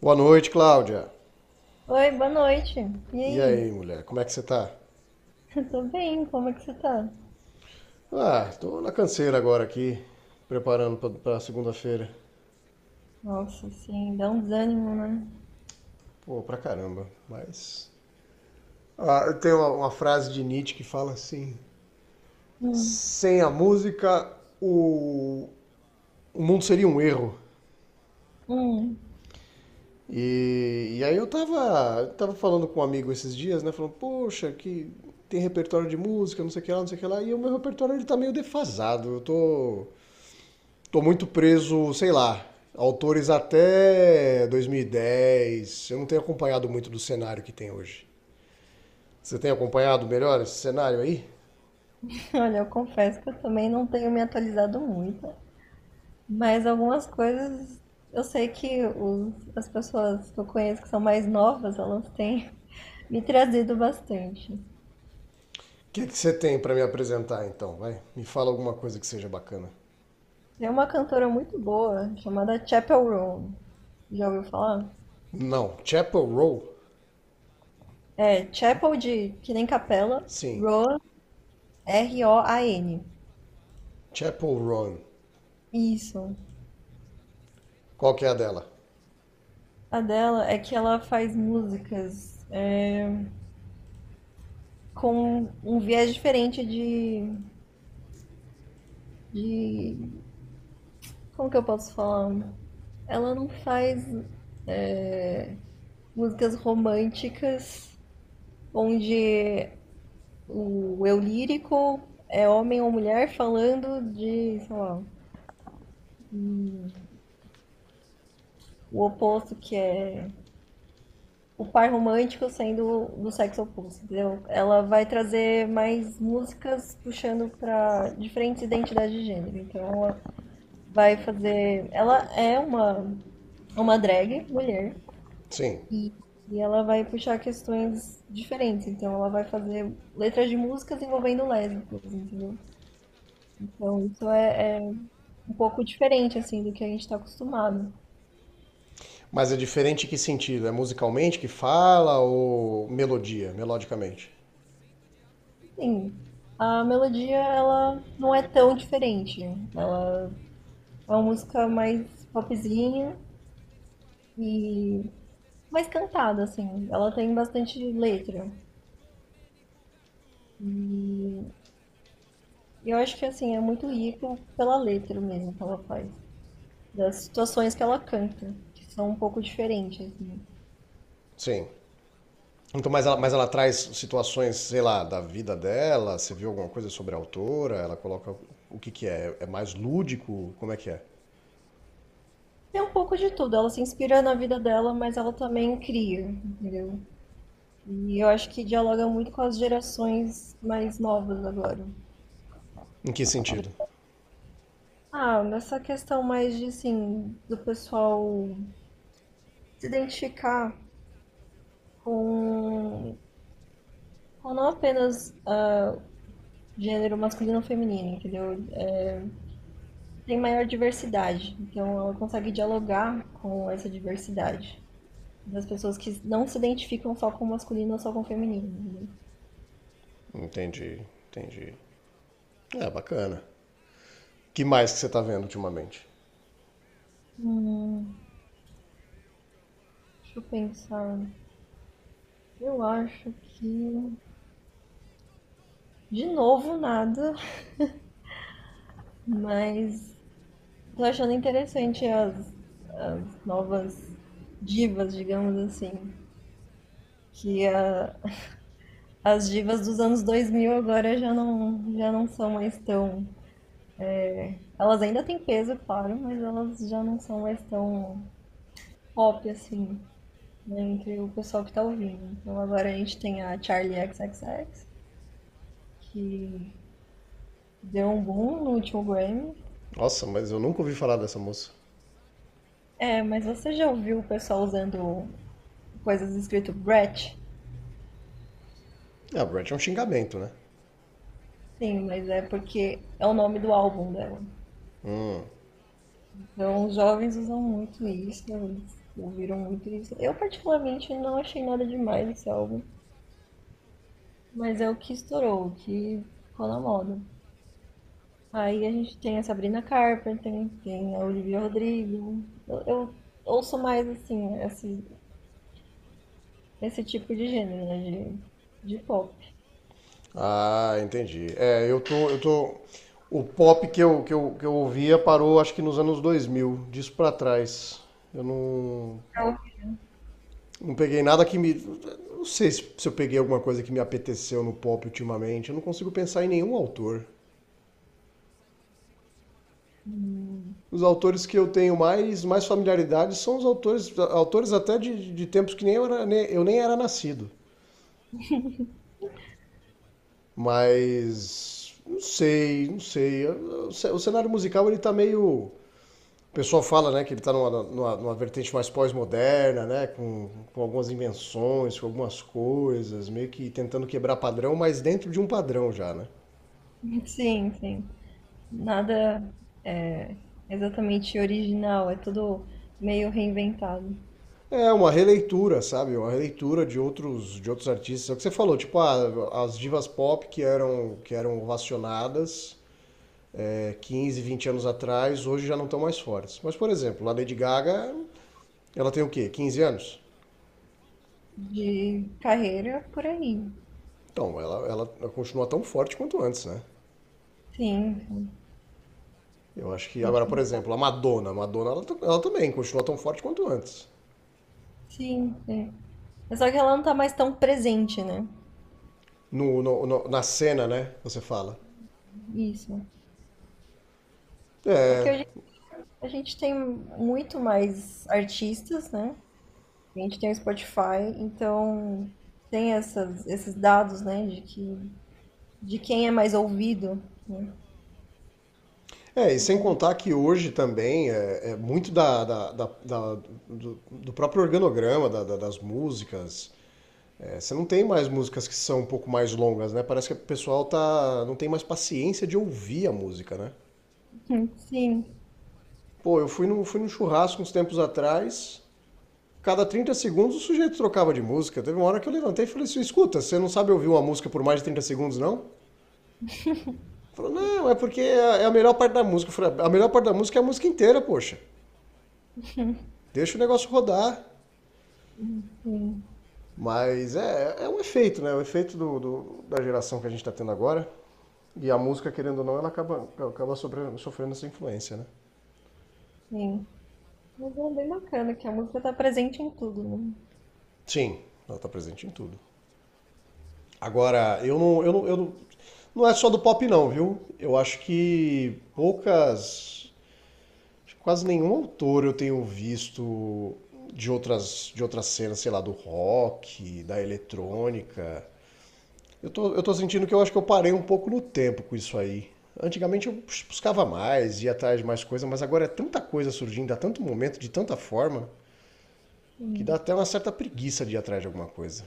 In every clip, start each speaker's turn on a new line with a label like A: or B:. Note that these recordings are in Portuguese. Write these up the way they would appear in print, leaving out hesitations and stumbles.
A: Boa noite, Cláudia.
B: Oi, boa noite. E
A: E
B: aí?
A: aí, mulher, como é que você tá?
B: Tô bem, como é que você tá?
A: Ah, tô na canseira agora aqui, preparando pra segunda-feira.
B: Nossa, sim, dá um desânimo, né?
A: Pô, pra caramba, mas. Ah, eu tenho uma frase de Nietzsche que fala assim:
B: Hum,
A: sem a música, o, o mundo seria um erro.
B: hum.
A: E aí eu tava falando com um amigo esses dias, né? Falando, poxa, que tem repertório de música, não sei o que lá, não sei o que lá. E o meu repertório ele tá meio defasado. Eu tô Tô muito preso, sei lá, autores até 2010. Eu não tenho acompanhado muito do cenário que tem hoje. Você tem acompanhado melhor esse cenário aí?
B: Olha, eu confesso que eu também não tenho me atualizado muito, mas algumas coisas eu sei que as pessoas que eu conheço que são mais novas, elas têm me trazido bastante.
A: É que você tem para me apresentar então? Vai, me fala alguma coisa que seja bacana.
B: Tem uma cantora muito boa chamada Chapel Roan. Já ouviu falar?
A: Não, Chapel Row?
B: É, Chapel de que nem capela,
A: Sim.
B: Roan, Roan.
A: Chapel Run.
B: Isso.
A: Qual que é a dela?
B: A dela é que ela faz músicas com um viés diferente de. Como que eu posso falar? Ela não faz é, músicas românticas onde o eu lírico é homem ou mulher falando de, sei lá, hum, o oposto que é o par romântico sendo do sexo oposto, entendeu? Ela vai trazer mais músicas puxando para diferentes identidades de gênero. Então ela é uma drag mulher
A: Sim.
B: e, e ela vai puxar questões diferentes. Então ela vai fazer letras de músicas envolvendo lésbicas, entendeu? Então isso é um pouco diferente assim do que a gente está acostumado.
A: Mas é diferente em que sentido? É musicalmente que fala ou melodia, melodicamente?
B: Sim, a melodia ela não é tão diferente, né? Ela é uma música mais popzinha e mais cantada, assim. Ela tem bastante letra. E eu acho que, assim, é muito rico pela letra mesmo que ela faz. Das situações que ela canta, que são um pouco diferentes, assim.
A: Sim. Então, mas ela traz situações, sei lá, da vida dela? Você viu alguma coisa sobre a autora? Ela coloca o que que é? É mais lúdico? Como é que é?
B: Tem um pouco de tudo. Ela se inspira na vida dela, mas ela também cria, entendeu? E eu acho que dialoga muito com as gerações mais novas agora.
A: Em que sentido?
B: Ah, nessa questão mais de, assim, do pessoal se identificar com, com não apenas gênero masculino ou feminino, entendeu? Tem maior diversidade, então ela consegue dialogar com essa diversidade das pessoas que não se identificam só com masculino ou só com feminino, entendeu?
A: Entendi, entendi. É, bacana. Que mais que você tá vendo ultimamente?
B: Hum, Deixa eu pensar. Eu acho que de novo nada, mas tô achando interessante as novas divas, digamos assim, que a as divas dos anos 2000 agora já não são mais tão. Elas ainda têm peso, claro, mas elas já não são mais tão pop assim, né, entre o pessoal que tá ouvindo. Então agora a gente tem a Charlie XXX, que deu um boom no último Grammy.
A: Nossa, mas eu nunca ouvi falar dessa moça.
B: É, mas você já ouviu o pessoal usando coisas escrito Brett?
A: Ah, Brett é um xingamento, né?
B: Sim, mas é porque é o nome do álbum dela. Então, os jovens usam muito isso, eles ouviram muito isso. Eu, particularmente, não achei nada demais esse álbum, mas é o que estourou, o que ficou na moda. Aí a gente tem a Sabrina Carpenter, tem a Olivia Rodrigo. Eu ouço mais, assim, esse tipo de gênero, né, de pop.
A: Ah, entendi. Eu tô... O pop que eu, que eu, que eu ouvia parou, acho que nos anos 2000, disso pra trás. Eu não...
B: Pra ouvir.
A: Não peguei nada que me. Não sei se eu peguei alguma coisa que me apeteceu no pop ultimamente. Eu não consigo pensar em nenhum autor.
B: Hum,
A: Os autores que eu tenho mais familiaridade são os autores até de tempos que nem eu, era, eu nem era nascido. Não sei. O cenário musical ele tá meio. O pessoal fala, né, que ele está numa vertente mais pós-moderna, né, com algumas invenções, com algumas coisas, meio que tentando quebrar padrão, mas dentro de um padrão já, né?
B: Sim, sim. Nada é exatamente original, é tudo meio reinventado.
A: É uma releitura, sabe? Uma releitura de outros artistas. É o que você falou, tipo, ah, as divas pop que eram ovacionadas 15, 20 anos atrás, hoje já não estão mais fortes. Mas, por exemplo, a Lady Gaga, ela tem o quê? 15 anos?
B: De carreira por aí.
A: Então, ela continua tão forte quanto antes, né?
B: Sim, sim.
A: Eu acho que agora, por
B: Último.
A: exemplo, a Madonna, ela também continua tão forte quanto antes.
B: Sim, sim. É só que ela não tá mais tão presente, né?
A: Na cena, né? Você fala.
B: Isso. É que
A: É,
B: hoje a gente tem muito mais artistas, né? A gente tem o Spotify, então tem esses dados, né? De quem é mais ouvido, né?
A: É, e sem contar que hoje também é muito do, do próprio organograma da- das músicas. É, você não tem mais músicas que são um pouco mais longas, né? Parece que o pessoal tá, não tem mais paciência de ouvir a música, né?
B: Sim,
A: Pô, eu fui num churrasco uns tempos atrás, cada 30 segundos o sujeito trocava de música. Teve uma hora que eu levantei e falei assim: escuta, você não sabe ouvir uma música por mais de 30 segundos, não? Falou, não, é porque é a melhor parte da música. Eu falei, a melhor parte da música é a música inteira, poxa. Deixa o negócio rodar.
B: sim,
A: Mas é um efeito, né? O efeito da geração que a gente está tendo agora. E a música, querendo ou não, acaba sofrendo essa influência, né?
B: sim. Mas é bem bacana que a música tá presente em tudo, né?
A: Sim, ela tá presente em tudo. Agora, eu não, não é só do pop não, viu? Eu acho que quase nenhum autor eu tenho visto de de outras cenas, sei lá, do rock, da eletrônica. Eu tô sentindo que eu acho que eu parei um pouco no tempo com isso aí. Antigamente eu buscava mais, ia atrás de mais coisa, mas agora é tanta coisa surgindo, há tanto momento, de tanta forma, que dá até uma certa preguiça de ir atrás de alguma coisa.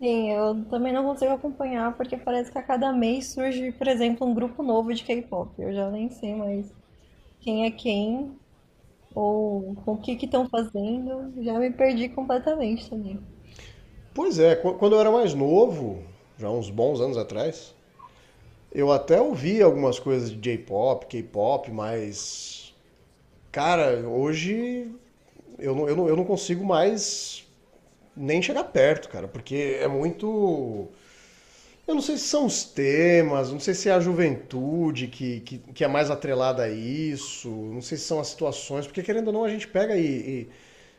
B: Sim, eu também não consigo acompanhar porque parece que a cada mês surge, por exemplo, um grupo novo de K-pop. Eu já nem sei mais quem é quem ou o que que estão fazendo. Já me perdi completamente também.
A: Pois é, quando eu era mais novo, já uns bons anos atrás, eu até ouvia algumas coisas de J-pop, K-pop, mas. Cara, hoje eu não consigo mais nem chegar perto, cara, porque é muito. Eu não sei se são os temas, não sei se é a juventude que é mais atrelada a isso, não sei se são as situações, porque querendo ou não a gente pega e,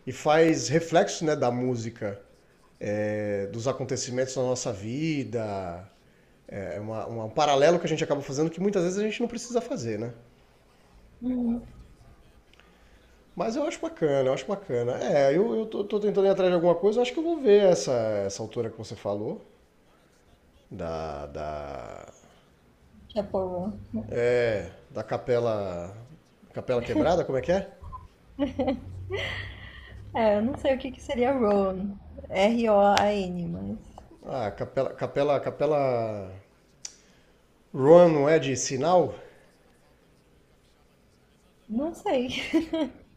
A: e faz reflexos né, da música, é, dos acontecimentos da nossa vida. É é um paralelo que a gente acaba fazendo que muitas vezes a gente não precisa fazer, né?
B: Uhum.
A: Mas eu acho bacana, eu acho bacana. É, eu tô, tô tentando ir atrás de alguma coisa, eu acho que eu vou ver essa autora que você falou, da.
B: Japão.
A: É, da capela. Capela quebrada, como é que é?
B: É, eu não sei o que que seria Roan. Roan, mas
A: Ah, capela. Capela. Capela. Run não é de sinal?
B: não sei.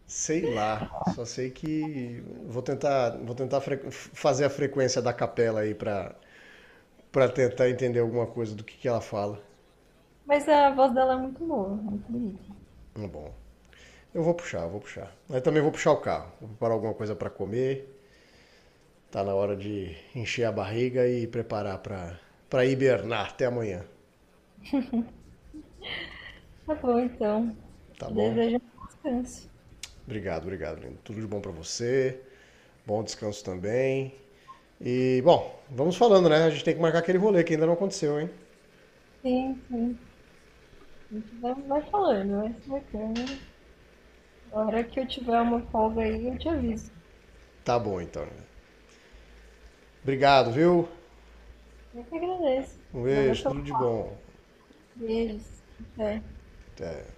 A: Sei lá. Só sei que vou tentar fazer a frequência da capela aí pra tentar entender alguma coisa que ela fala.
B: Mas a voz dela é muito boa, muito bonita.
A: Hum. Bom, vou puxar. Aí também vou puxar o carro, vou preparar alguma coisa pra comer. Tá na hora de encher a barriga e preparar pra hibernar até amanhã,
B: Tá bom, então.
A: tá
B: Te
A: bom?
B: desejo um bom descanso.
A: Obrigado, obrigado, lindo. Tudo de bom pra você. Bom descanso também. E, bom, vamos falando, né? A gente tem que marcar aquele rolê que ainda não aconteceu, hein?
B: Sim, sim. A gente vai falando, vai se marcando. A hora que eu tiver uma folga aí, eu te aviso.
A: Tá bom, então. Obrigado, viu?
B: Eu que agradeço.
A: Um
B: Valeu
A: beijo,
B: pelo
A: tudo de bom.
B: beijos. Até.
A: Até.